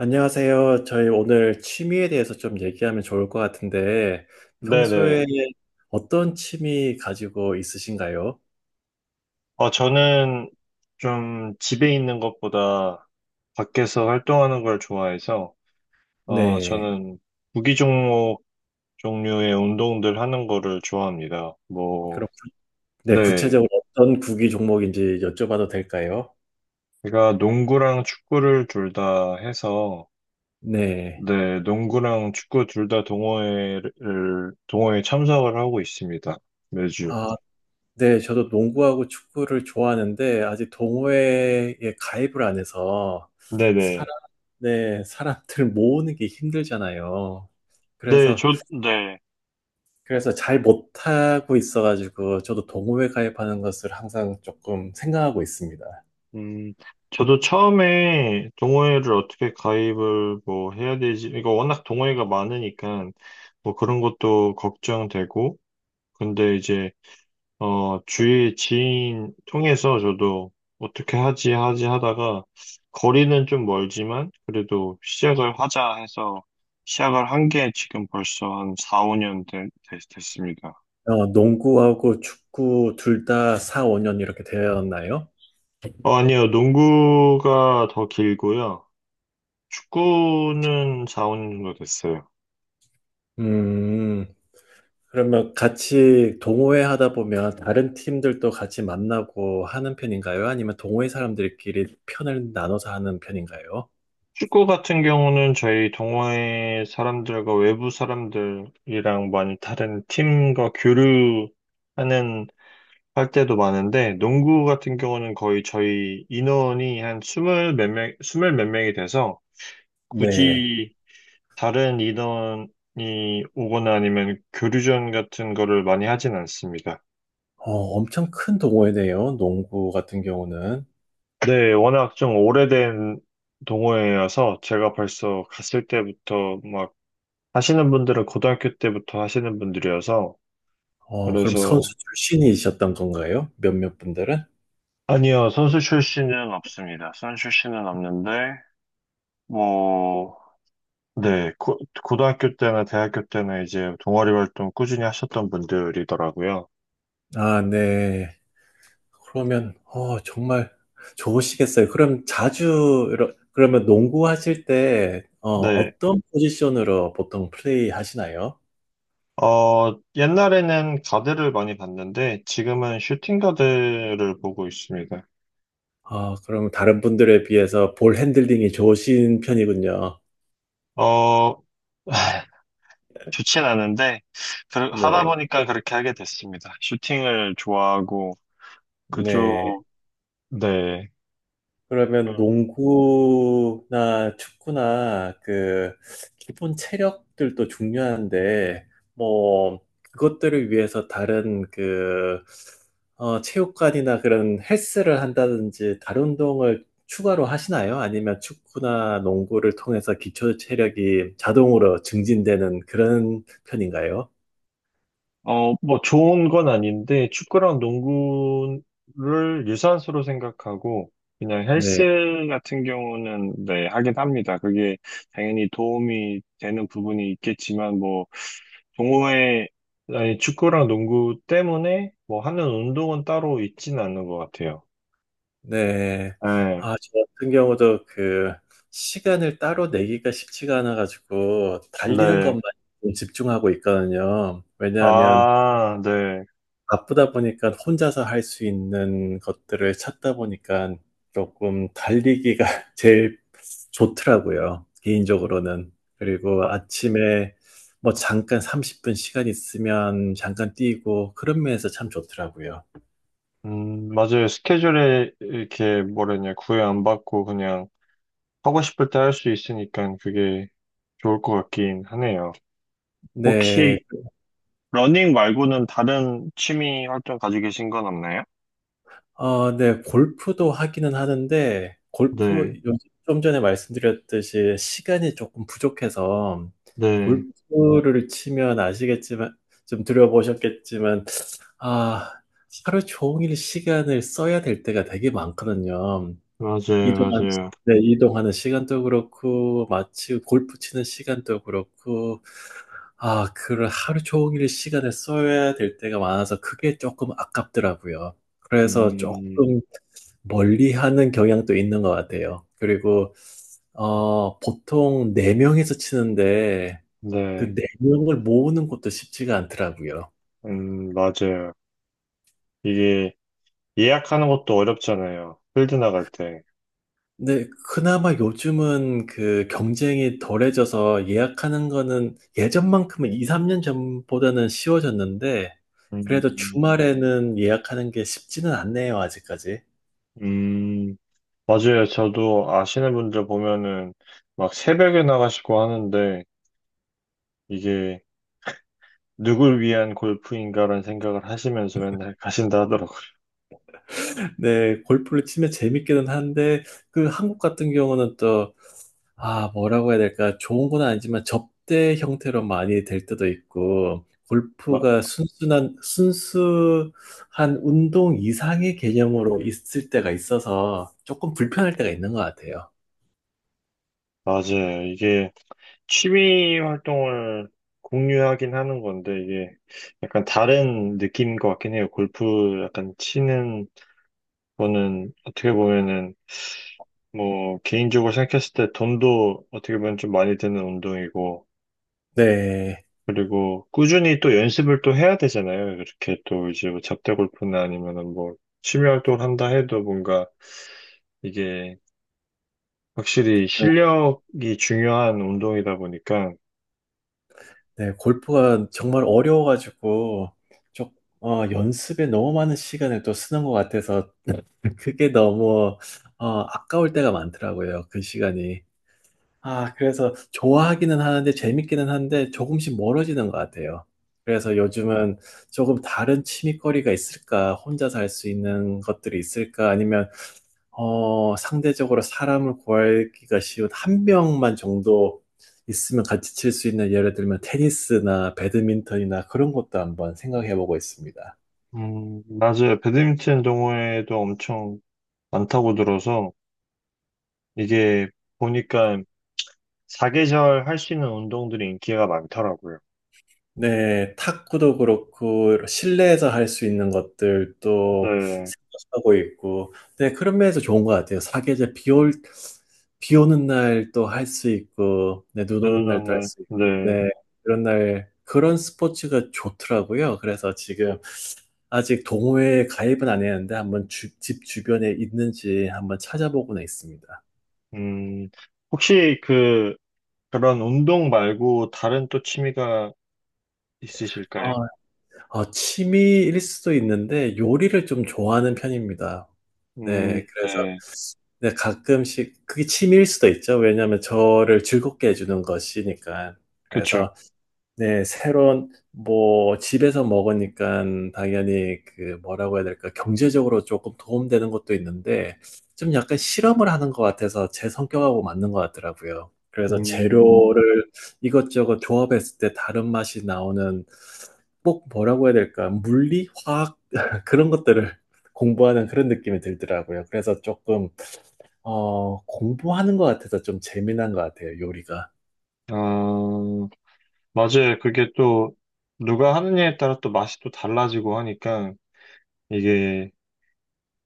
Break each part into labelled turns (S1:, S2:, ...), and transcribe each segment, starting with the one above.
S1: 안녕하세요. 저희 오늘 취미에 대해서 좀 얘기하면 좋을 것 같은데, 평소에
S2: 네네.
S1: 어떤 취미 가지고 있으신가요?
S2: 저는 좀 집에 있는 것보다 밖에서 활동하는 걸 좋아해서,
S1: 네.
S2: 저는 구기 종목 종류의 운동들 하는 거를 좋아합니다. 뭐,
S1: 그럼, 네,
S2: 네.
S1: 구체적으로 어떤 구기 종목인지 여쭤봐도 될까요?
S2: 제가 농구랑 축구를 둘 다 해서,
S1: 네.
S2: 네, 농구랑 축구 둘 다 동호회에 참석을 하고 있습니다. 매주.
S1: 아, 네, 저도 농구하고 축구를 좋아하는데, 아직 동호회에 가입을 안 해서, 사람,
S2: 네네.
S1: 네, 사람들 모으는 게 힘들잖아요.
S2: 네,
S1: 그래서
S2: 저, 네.
S1: 그래서 잘 못하고 있어가지고 저도 동호회 가입하는 것을 항상 조금 생각하고 있습니다.
S2: 음, 저도 처음에 동호회를 어떻게 가입을 뭐 해야 되지? 이거 워낙 동호회가 많으니까 뭐 그런 것도 걱정되고, 근데 이제, 주위 지인 통해서 저도 어떻게 하지, 하지 하다가 거리는 좀 멀지만 그래도 시작을 하자 해서 시작을 한 게 지금 벌써 한 4, 5년 됐습니다.
S1: 어, 농구하고 축구 둘 다 4, 5년 이렇게 되었나요?
S2: 아니요. 농구가 더 길고요. 축구는 4, 5년 정도 됐어요.
S1: 음, 그러면 같이 동호회 하다 보면 다른 팀들도 같이 만나고 하는 편인가요? 아니면 동호회 사람들끼리 편을 나눠서 하는 편인가요?
S2: 축구 같은 경우는 저희 동호회 사람들과 외부 사람들이랑 많이 다른 팀과 교류하는 할 때도 많은데, 농구 같은 경우는 거의 저희 인원이 한 스물 몇 명, 스물 몇 명이 돼서
S1: 네.
S2: 굳이 다른 인원이 오거나 아니면 교류전 같은 거를 많이 하진 않습니다.
S1: 어, 엄청 큰 동호회네요, 농구 같은 경우는.
S2: 네, 워낙 좀 오래된 동호회여서 제가 벌써 갔을 때부터 하시는 분들은 고등학교 때부터 하시는 분들이어서,
S1: 어, 그럼 선수
S2: 그래서,
S1: 출신이셨던 건가요? 몇몇 분들은?
S2: 아니요, 선수 출신은 없습니다. 선수 출신은 없는데, 뭐, 네, 고등학교 때나 대학교 때나 이제 동아리 활동 꾸준히 하셨던 분들이더라고요.
S1: 아, 네. 그러면, 어, 정말 좋으시겠어요. 그럼 자주, 그러면 농구하실 때, 어,
S2: 네,
S1: 어떤 포지션으로 보통 플레이 하시나요?
S2: 옛날에는 가드를 많이 봤는데, 지금은 슈팅 가드를 보고 있습니다.
S1: 아, 그럼 다른 분들에 비해서 볼 핸들링이 좋으신 편이군요.
S2: 어, 좋진 않은데, 하다
S1: 네,
S2: 보니까 그렇게 하게 됐습니다. 슈팅을 좋아하고,
S1: 네.
S2: 그쪽, 네.
S1: 그러면
S2: 그
S1: 농구나 축구나 그 기본 체력들도 중요한데 뭐 그것들을 위해서 다른 그 어, 체육관이나 그런 헬스를 한다든지 다른 운동을 추가로 하시나요? 아니면 축구나 농구를 통해서 기초 체력이 자동으로 증진되는 그런 편인가요?
S2: 뭐 좋은 건 아닌데 축구랑 농구를 유산소로 생각하고 그냥
S1: 네.
S2: 헬스 같은 경우는 네, 하긴 합니다. 그게 당연히 도움이 되는 부분이 있겠지만 뭐 동호회 아니, 축구랑 농구 때문에 뭐 하는 운동은 따로 있지는 않는 것 같아요.
S1: 네.
S2: 네,
S1: 아, 저 같은 경우도 그 시간을 따로 내기가 쉽지가 않아가지고 달리는
S2: 네.
S1: 것만 좀 집중하고 있거든요. 왜냐하면
S2: 아, 네.
S1: 바쁘다 보니까 혼자서 할 수 있는 것들을 찾다 보니까 조금 달리기가 제일 좋더라고요, 개인적으로는. 그리고
S2: 마-
S1: 아침에 뭐 잠깐 30분 시간 있으면 잠깐 뛰고 그런 면에서 참 좋더라고요.
S2: 맞아요. 스케줄에 이렇게 뭐라냐, 구애 안 받고 그냥 하고 싶을 때 할 수 있으니까 그게 좋을 것 같긴 하네요.
S1: 네.
S2: 혹시 러닝 말고는 다른 취미 활동 가지고 계신 건 없나요?
S1: 아, 네, 골프도 하기는 하는데, 골프,
S2: 네,
S1: 좀 전에 말씀드렸듯이 시간이 조금 부족해서,
S2: 네,
S1: 골프를 치면 아시겠지만, 좀 들어보셨겠지만, 아, 하루 종일 시간을 써야 될 때가 되게 많거든요.
S2: 맞아요,
S1: 이동한,
S2: 맞아요.
S1: 네, 이동하는 시간도 그렇고, 마치 골프 치는 시간도 그렇고, 아, 그런 하루 종일 시간을 써야 될 때가 많아서 그게 조금 아깝더라고요. 그래서
S2: 음,
S1: 조금 멀리하는 경향도 있는 것 같아요. 그리고 어, 보통 네명이서 치는데 그
S2: 네,
S1: 네명을 모으는 것도 쉽지가 않더라고요.
S2: 맞아요. 이게 예약하는 것도 어렵잖아요. 필드 나갈 때.
S1: 근데 그나마 요즘은 그 경쟁이 덜해져서 예약하는 거는 예전만큼은 2, 3년 전보다는 쉬워졌는데 그래도
S2: 음,
S1: 주말에는 예약하는 게 쉽지는 않네요, 아직까지.
S2: 음, 맞아요. 저도 아시는 분들 보면은 막 새벽에 나가시고 하는데 이게 누굴 위한 골프인가라는 생각을 하시면서 맨날 가신다 하더라고요.
S1: 네, 골프를 치면 재밌기는 한데 그 한국 같은 경우는 또 아, 뭐라고 해야 될까? 좋은 건 아니지만 접대 형태로 많이 될 때도 있고,
S2: 마-
S1: 골프가 순순한, 순수한 운동 이상의 개념으로 있을 때가 있어서 조금 불편할 때가 있는 것 같아요.
S2: 맞아요. 이게 취미 활동을 공유하긴 하는 건데, 이게 약간 다른 느낌인 것 같긴 해요. 골프 약간 치는 거는 어떻게 보면은, 뭐, 개인적으로 생각했을 때 돈도 어떻게 보면 좀 많이 드는 운동이고,
S1: 네.
S2: 그리고 꾸준히 또 연습을 또 해야 되잖아요. 이렇게 또 이제 뭐 잡대 골프나 아니면은 뭐, 취미 활동을 한다 해도 뭔가 이게 확실히 실력이 중요한 운동이다 보니까,
S1: 네, 골프가 정말 어려워가지고, 좀, 어, 연습에 너무 많은 시간을 또 쓰는 것 같아서 그게 너무, 어, 아까울 때가 많더라고요, 그 시간이. 아, 그래서 좋아하기는 하는데 재밌기는 한데 조금씩 멀어지는 것 같아요. 그래서 요즘은 조금 다른 취미거리가 있을까? 혼자서 할 수 있는 것들이 있을까? 아니면, 어, 상대적으로 사람을 구하기가 쉬운 한 명만 정도 있으면 같이 칠 수 있는 예를 들면 테니스나 배드민턴이나 그런 것도 한번 생각해 보고 있습니다.
S2: 맞아요. 배드민턴 동호회도 엄청 많다고 들어서 이게 보니까 사계절 할 수 있는 운동들이 인기가 많더라고요.
S1: 네, 탁구도 그렇고 실내에서 할 수 있는 것들도
S2: 네,
S1: 생각하고 있고, 네, 그런 면에서 좋은 것 같아요. 사계절 비 오는 날 또 할 수 있고, 네, 눈
S2: 네,
S1: 오는 날도 할
S2: 네,
S1: 수 있고,
S2: 네.
S1: 네, 그런 날 그런 스포츠가 좋더라고요. 그래서 지금 아직 동호회에 가입은 안 했는데 한번 집 주변에 있는지 한번 찾아보고는 있습니다.
S2: 음, 혹시 그 그런 운동 말고 다른 또 취미가 있으실까요?
S1: 어, 취미일 수도 있는데 요리를 좀 좋아하는 편입니다. 네, 그래서
S2: 네,
S1: 네, 가끔씩 그게 취미일 수도 있죠. 왜냐하면 저를 즐겁게 해주는 것이니까.
S2: 그렇죠.
S1: 그래서 네, 새로운 뭐 집에서 먹으니까 당연히 그 뭐라고 해야 될까, 경제적으로 조금 도움되는 것도 있는데 좀 약간 실험을 하는 것 같아서 제 성격하고 맞는 것 같더라고요. 그래서
S2: 음,
S1: 재료를 이것저것 조합했을 때 다른 맛이 나오는 꼭 뭐라고 해야 될까? 물리, 화학 그런 것들을 공부하는 그런 느낌이 들더라고요. 그래서 조금 어, 공부하는 것 같아서 좀 재미난 것 같아요, 요리가.
S2: 아, 맞아요. 그게 또 누가 하느냐에 따라 또 맛이 또 달라지고 하니까 이게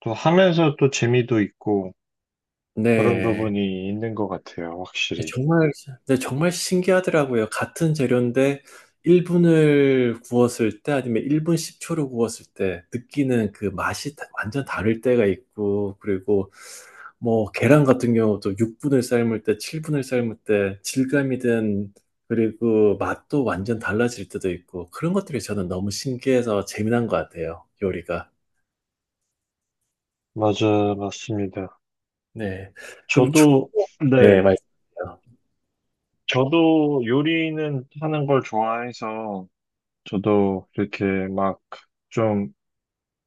S2: 또 하면서 또 재미도 있고. 그런
S1: 네.
S2: 부분이 있는 것 같아요,
S1: 아,
S2: 확실히.
S1: 정말, 네, 정말 신기하더라고요. 같은 재료인데 1분을 구웠을 때 아니면 1분 10초를 구웠을 때 느끼는 그 맛이 완전 다를 때가 있고, 그리고 뭐 계란 같은 경우도 6분을 삶을 때, 7분을 삶을 때 질감이든 그리고 맛도 완전 달라질 때도 있고 그런 것들이 저는 너무 신기해서 재미난 것 같아요, 요리가.
S2: 맞아, 맞습니다.
S1: 네. 그럼
S2: 저도,
S1: 축구. 네,
S2: 네,
S1: 맞습니다.
S2: 저도 요리는 하는 걸 좋아해서, 저도 이렇게 막 좀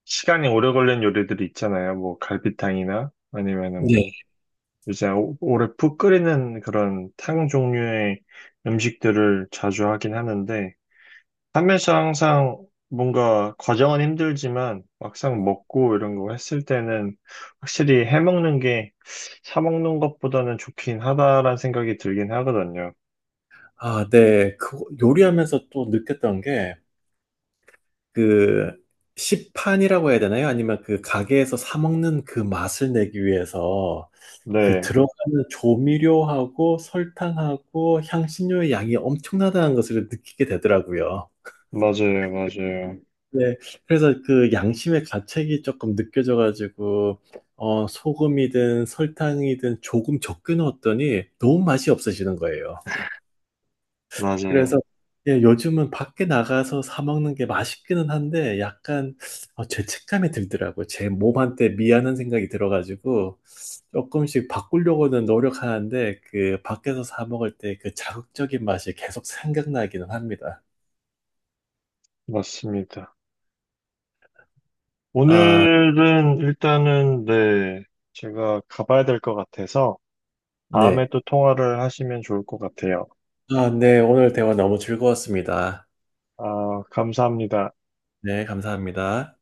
S2: 시간이 오래 걸리는 요리들이 있잖아요. 뭐 갈비탕이나 아니면은
S1: 네.
S2: 뭐 이제 오래 푹 끓이는 그런 탕 종류의 음식들을 자주 하긴 하는데, 판매시 항상 뭔가 과정은 힘들지만 막상 먹고 이런 거 했을 때는 확실히 해먹는 게 사먹는 것보다는 좋긴 하다라는 생각이 들긴 하거든요.
S1: 아, 네. 그 요리하면서 또 느꼈던 게 그 시판이라고 해야 되나요? 아니면 그 가게에서 사 먹는 그 맛을 내기 위해서 그
S2: 네,
S1: 들어가는 조미료하고 설탕하고 향신료의 양이 엄청나다는 것을 느끼게 되더라고요.
S2: 맞아요, 맞아요,
S1: 네, 그래서 그 양심의 가책이 조금 느껴져가지고 어, 소금이든 설탕이든 조금 적게 넣었더니 너무 맛이 없어지는 거예요. 그래서
S2: 맞아요.
S1: 예, 요즘은 밖에 나가서 사 먹는 게 맛있기는 한데 약간 어, 죄책감이 들더라고요. 제 몸한테 미안한 생각이 들어가지고 조금씩 바꾸려고는 노력하는데 그 밖에서 사 먹을 때 그 자극적인 맛이 계속 생각나기는 합니다.
S2: 맞습니다.
S1: 아,
S2: 오늘은 일단은 네, 제가 가봐야 될 것 같아서 다음에
S1: 네.
S2: 또 통화를 하시면 좋을 것 같아요.
S1: 아, 네. 오늘 대화 너무 즐거웠습니다.
S2: 아, 감사합니다.
S1: 네, 감사합니다.